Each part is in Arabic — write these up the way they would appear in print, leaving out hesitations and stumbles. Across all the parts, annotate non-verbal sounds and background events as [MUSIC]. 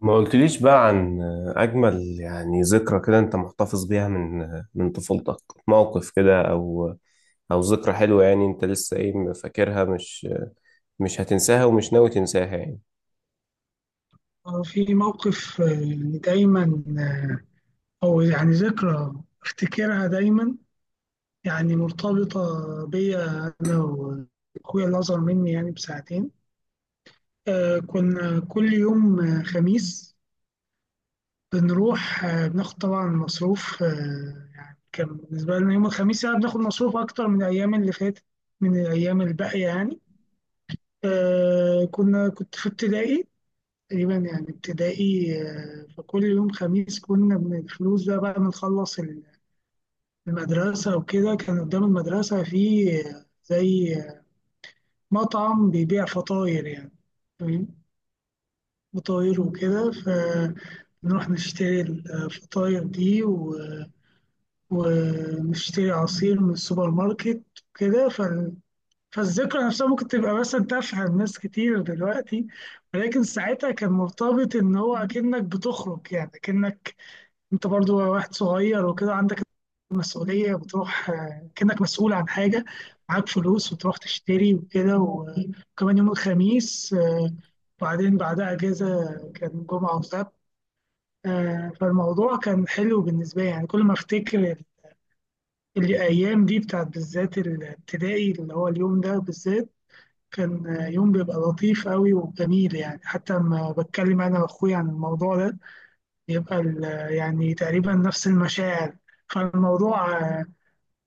ما قلتليش بقى عن أجمل يعني ذكرى كده أنت محتفظ بيها من طفولتك. موقف كده أو ذكرى حلوة يعني أنت لسه إيه فاكرها، مش هتنساها ومش ناوي تنساها يعني. آه، في موقف آه، يعني دايما آه، أو يعني ذكرى أفتكرها دايما، يعني مرتبطة بيا أنا وأخويا اللي أصغر مني يعني بساعتين. كنا كل يوم خميس بنروح، بناخد طبعا مصروف. يعني كان بالنسبة لنا يوم الخميس يعني بناخد مصروف أكتر من الأيام اللي فاتت، من الأيام الباقية يعني. آه، كنا كنت في ابتدائي تقريبا، يعني ابتدائي. فكل يوم خميس كنا من الفلوس ده بقى بنخلص المدرسة، وكده كان قدام المدرسة في آه، زي آه، مطعم بيبيع فطاير يعني. فاهم؟ فطاير وكده، فنروح نشتري الفطاير دي ونشتري عصير من السوبر ماركت وكده. فالذكرى نفسها ممكن تبقى مثلا تافهة لناس كتير دلوقتي، ولكن ساعتها كان مرتبط ان هو اكنك بتخرج، يعني اكنك انت برضو واحد صغير وكده، عندك مسؤولية، بتروح كأنك مسؤول عن حاجة، معاك فلوس وتروح تشتري وكده. وكمان يوم الخميس، وبعدين بعدها أجازة، كان جمعة وسبت. فالموضوع كان حلو بالنسبة لي يعني. كل ما أفتكر الأيام دي بتاعت بالذات الابتدائي، اللي هو اليوم ده بالذات كان يوم بيبقى لطيف قوي وجميل يعني. حتى لما بتكلم أنا وأخويا عن الموضوع ده يبقى يعني تقريبا نفس المشاعر. فالموضوع آه،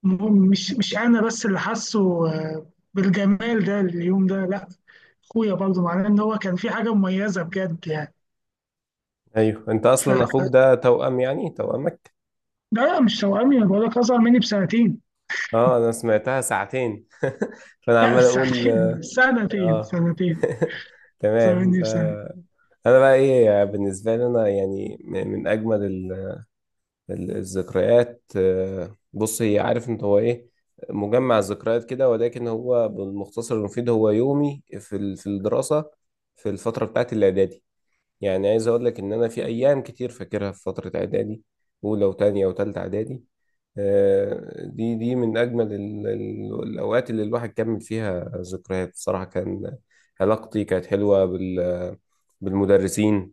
م- مش مش انا بس اللي حاسه بالجمال ده، اليوم ده لا، اخويا برضه، معناه ان هو كان في حاجه مميزه بجد يعني. أيوه، أنت ف أصلا أخوك ده توأم يعني توأمك. لا لا، مش توأمي، انا بقول لك اصغر مني بسنتين. أه، أنا سمعتها ساعتين [LAUGHS] فأنا لا عمال أقول بساعتين [LAUGHS] سنتين، أه سنتين [LAUGHS] اصغر تمام. مني بسنتين. أنا بقى إيه بالنسبة لي، أنا يعني من أجمل الذكريات. بص، هي عارف انت هو ايه، مجمع الذكريات كده، ولكن هو بالمختصر المفيد هو يومي في الدراسة، في الفترة بتاعت الإعدادي. يعني عايز أقول لك إن أنا في أيام كتير فاكرها في فترة إعدادي، أولى وتانية وتالتة إعدادي. دي من أجمل الأوقات اللي الواحد كمل فيها ذكريات. بصراحة كان علاقتي كانت حلوة بالمدرسين،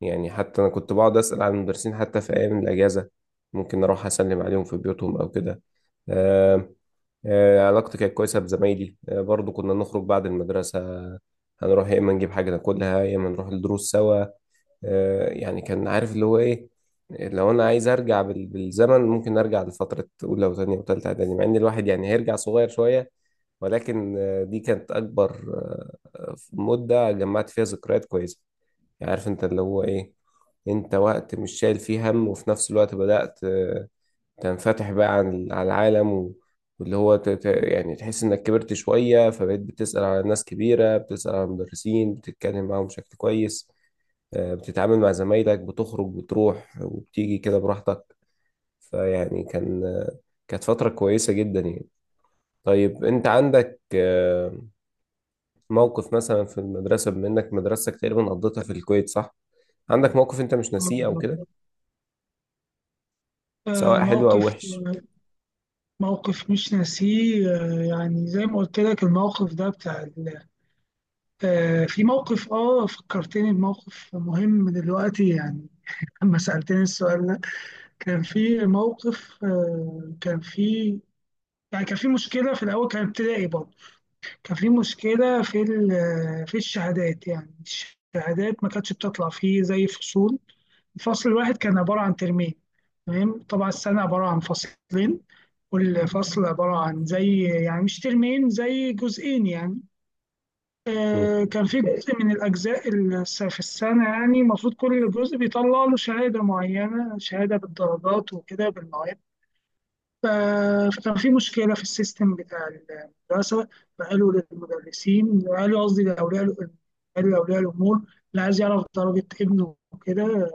يعني حتى أنا كنت بقعد أسأل عن المدرسين حتى في أيام الأجازة، ممكن أروح أسلم عليهم في بيوتهم أو كده. آه. آه، علاقتي كانت كويسة بزمايلي. آه، برضو كنا نخرج بعد المدرسة، هنروح يا إما نجيب حاجة ناكلها يا إما نروح الدروس سوا. آه، يعني كان عارف اللي هو إيه، لو أنا عايز أرجع بالزمن ممكن أرجع لفترة أولى وتانية وتالتة إعدادي، مع إن الواحد يعني هيرجع صغير شوية، ولكن دي كانت أكبر مدة جمعت فيها ذكريات كويسة. يعني عارف انت اللي هو ايه، انت وقت مش شايل فيه هم، وفي نفس الوقت بدأت تنفتح بقى على العالم واللي هو يعني تحس انك كبرت شوية، فبقيت بتسأل على ناس كبيرة، بتسأل على مدرسين، بتتكلم معاهم بشكل كويس. بتتعامل مع زمايلك، بتخرج بتروح وبتيجي كده براحتك. فيعني كان كانت فترة كويسة جدا يعني. طيب انت عندك موقف مثلا في المدرسة، بما انك مدرستك تقريبا قضيتها في الكويت، صح؟ عندك موقف انت مش ناسيه او كده؟ آه، سواء حلو او موقف وحش. آه، موقف مش ناسيه. يعني زي ما قلت لك الموقف ده بتاع ال- آه، في موقف اه فكرتني بموقف مهم دلوقتي، يعني لما سألتني السؤال ده. كان في موقف آه، كان في يعني كان في مشكلة في الأول، كان ابتدائي برضه. كان في مشكلة في الشهادات يعني. الشهادات ما كانتش بتطلع فيه زي فصول. الفصل الواحد كان عبارة عن ترمين، تمام؟ طبعا السنة عبارة عن فصلين، والفصل عبارة عن زي يعني مش ترمين، زي جزئين يعني. مم. كان في جزء من الأجزاء في السنة يعني، المفروض كل جزء بيطلع له شهادة معينة، شهادة بالدرجات وكده، بالمواد. ف- فكان في مشكلة في السيستم بتاع المدرسة. فقالوا للمدرسين، قالوا قصدي قالوا لأولياء الأمور، اللي عايز يعرف درجة ابنه وكده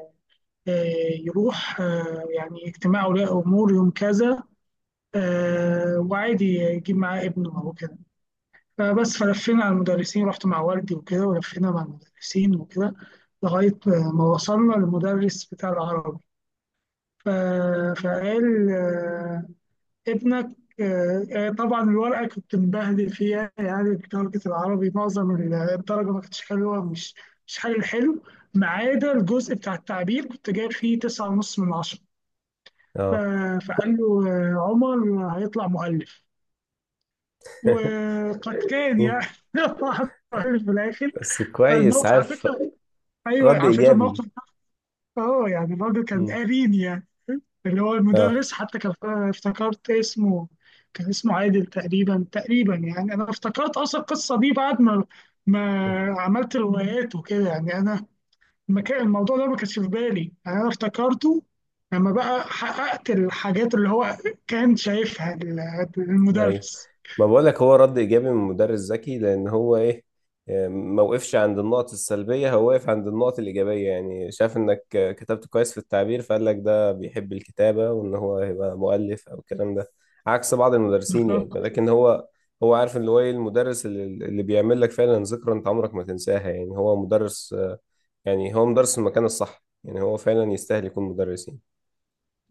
يروح يعني اجتماع أولياء أمور يوم كذا، وعادي يجيب معاه ابنه أو كده. فبس فلفينا على المدرسين، رحت مع والدي وكده، ولفينا مع المدرسين وكده، لغاية ما وصلنا للمدرس بتاع العربي. ف... فقال آه، ابنك طبعا الورقة كنت مبهدل فيها يعني، درجة العربي معظم الدرجة ما كانتش حلوة، مش مش حل حلو، ما عدا الجزء بتاع التعبير كنت جايب فيه تسعة ونص من عشرة. ف... اه. فقال له عمر هيطلع مؤلف. [LAUGHS] وقد كان مم. يعني، [LAUGHS] طلع مؤلف في الآخر. بس كويس فالموقف على عارف. فكره، ايوه، رد على فكره الموقف ايجابي. ده اه، يعني الراجل كان مم. قارين يعني، اللي هو اه. المدرس، حتى كان افتكرت اسمه، كان اسمه عادل تقريبا. يعني انا افتكرت اصلا القصه دي بعد ما مم. ما عملت روايات وكده يعني. ما كان الموضوع ده ما كانش في بالي يعني، انا افتكرته لما بقى حققت الحاجات اللي هو كان شايفها ايوه. المدرس. ما بقولك هو رد ايجابي من مدرس ذكي، لان هو ايه، ما وقفش عند النقط السلبيه، هو وقف عند النقط الايجابيه. يعني شاف انك كتبت كويس في التعبير، فقال لك ده بيحب الكتابه وان هو هيبقى مؤلف او الكلام ده، عكس بعض المدرسين يعني. لكن هو، هو عارف اللي هو ايه المدرس اللي بيعمل لك فعلا ذكرى انت عمرك ما تنساها. يعني هو مدرس، يعني هو مدرس في المكان الصح، يعني هو فعلا يستاهل يكون مدرسين.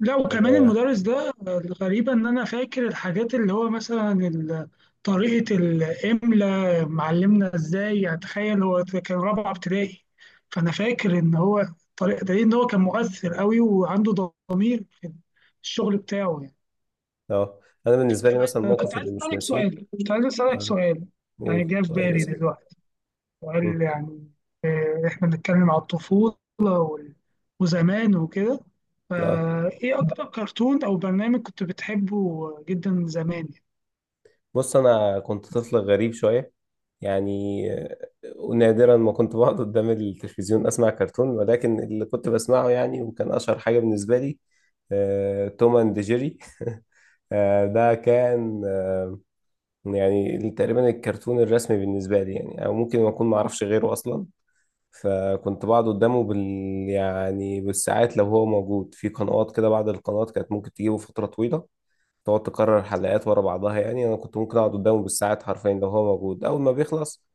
لا وكمان اه. المدرس ده، الغريبة إن أنا فاكر الحاجات اللي هو مثلا طريقة الإملا معلمنا إزاي يعني. تخيل هو كان رابعة ابتدائي، فأنا فاكر إن هو الطريقة ده، إن هو كان مؤثر قوي وعنده ضمير في الشغل بتاعه. آه. انا بالنسبه لي مثلا الموقف اللي مش ناسيه. كنت عايز أسألك اه، سؤال، يعني قول، جه في طيب بالي اسال. دلوقتي وقال مم. يعني، إحنا بنتكلم على الطفولة وزمان وكده، اه. فإيه أكتر كرتون أو برنامج كنت بتحبه جدا زمان؟ بص، انا كنت طفل غريب شويه يعني. نادرا ما كنت بقعد قدام التلفزيون اسمع كرتون، ولكن اللي كنت بسمعه يعني وكان اشهر حاجه بالنسبه لي، توم اند جيري. [LAUGHS] ده كان، يعني تقريبا الكرتون الرسمي بالنسبه لي يعني، او ممكن ما اكون ما اعرفش غيره اصلا. فكنت بقعد قدامه يعني بالساعات، لو هو موجود في قنوات كده، بعض القنوات كانت ممكن تجيبه فترة طويلة، تقعد تكرر حلقات ورا بعضها. يعني انا كنت ممكن اقعد قدامه بالساعات حرفيا لو هو موجود. اول ما بيخلص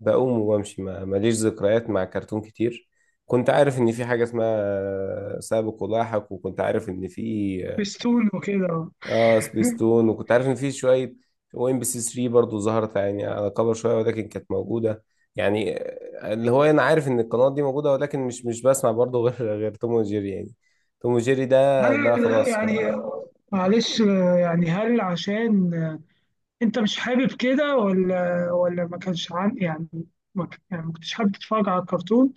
بقوم وبمشي. ما ماليش ذكريات مع كرتون كتير. كنت عارف ان في حاجة اسمها سابق ولاحق، وكنت عارف ان في، بستون وكده. اه، سبيستون، وكنت عارف ان في شويه. وام بي سي 3 برضه ظهرت يعني على كبر شويه، ولكن كانت موجوده. يعني اللي هو انا عارف ان القنوات دي موجوده، ولكن مش بسمع برضه [LAUGHS] غير توم وجيري يعني. توم وجيري ده هل خلاص. يعني معلش آه، يعني هل عشان أنت مش حابب كده، ولا ما كانش عن يعني، ما ك- يعني ما كنتش حابب تتفرج على الكرتون،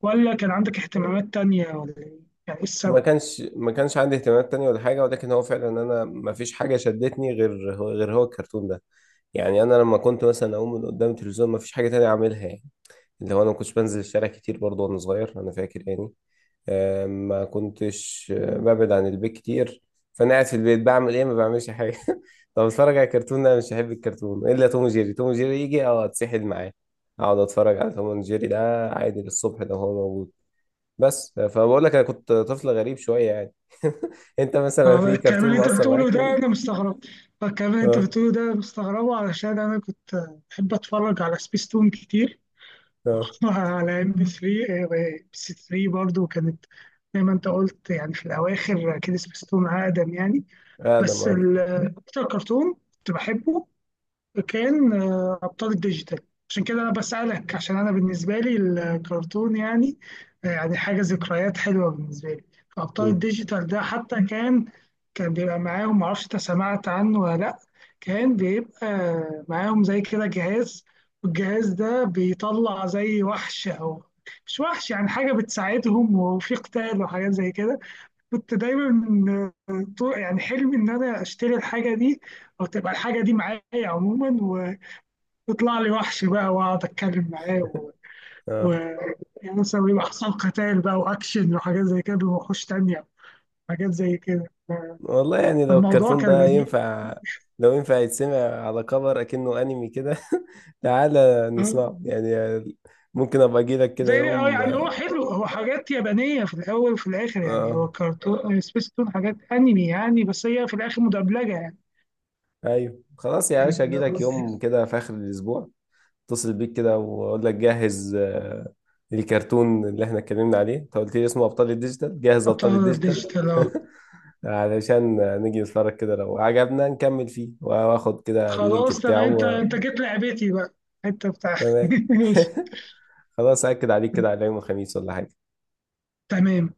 ولا كان عندك اهتمامات تانية، ولا إيه؟ يعني إيه ما السبب؟ كانش ما كانش عندي اهتمامات تانية ولا حاجه، ولكن هو فعلا انا ما فيش حاجه شدتني غير هو الكرتون ده. يعني انا لما كنت مثلا اقوم من قدام التلفزيون، ما فيش حاجه تانية اعملها يعني. اللي هو انا ما كنتش بنزل الشارع كتير برضه وانا صغير، انا فاكر يعني. ما كنتش ببعد عن البيت كتير. فانا قاعد في البيت بعمل ايه؟ ما بعملش حاجه. [LAUGHS] طب اتفرج على كرتون؟ لا، مش هحب الكرتون الا توم وجيري. توم وجيري يجي، اه، اتسحل معاه، اقعد اتفرج على توم وجيري ده عادي للصبح لو هو موجود. بس فبقول لك انا كنت طفل غريب شويه يعني. [LAUGHS] انت مثلا في الكلام كرتون اللي انت مؤثر بتقوله معاك ده يعني؟ انا مستغرب. الكلام اللي انت اه. بتقوله ده مستغربه، علشان انا كنت بحب اتفرج على سبيس تون كتير. اه، [LAUGHS] على ام بي 3، برضو كانت زي ما انت قلت يعني، في الاواخر كده سبيس تون اقدم يعني. ادم، بس اه. ال- اكتر كرتون كنت بحبه كان ابطال الديجيتال. عشان كده انا بسالك، عشان انا بالنسبه لي الكرتون يعني يعني حاجه، ذكريات حلوه بالنسبه لي. ابطال مم. الديجيتال ده حتى كان، كان بيبقى معاهم معرفش انت سمعت عنه ولا لا. كان بيبقى معاهم زي كده جهاز، والجهاز ده بيطلع زي وحش، او مش وحش يعني، حاجه بتساعدهم، وفي قتال وحاجات زي كده. كنت دايما يعني حلمي ان انا اشتري الحاجه دي، او تبقى الحاجه دي معايا عموما، ويطلع لي وحش بقى واقعد اتكلم معاه و... اه. يعني مثلا يبقى حصل قتال بقى، واكشن وحاجات زي كده، بوحوش تانية، حاجات زي كده. والله يعني لو فالموضوع الكرتون كان ده لذيذ. ينفع، لو ينفع يتسمع، على كفر اكنه انمي كده [LAUGHS] تعالى آه. نسمعه يعني. ممكن ابقى اجي لك كده زي اه يوم. يعني هو حلو، هو حاجات يابانيه في الاول وفي الاخر يعني، اه. هو كرتون سبيستون حاجات انمي يعني، بس هي في الاخر مدبلجه يعني. ايوه، خلاص يا يعني باشا، اجي لك يوم بس- كده في اخر الاسبوع. اتصل بيك كده واقول لك جهز، الكرتون اللي احنا اتكلمنا عليه، انت قلت لي اسمه ابطال الديجيتال، جهز ابطال ابطال الديجيتال. ديجيتال. [LAUGHS] علشان نيجي نتفرج كده، لو عجبنا نكمل فيه، واخد كده اللينك خلاص تمام، بتاعه. انت انت جيت لعبتي بقى، انت بتاع. تمام. [LAUGHS] ماشي، [LAUGHS] خلاص، أكد عليك كده على يوم الخميس ولا حاجة تمام.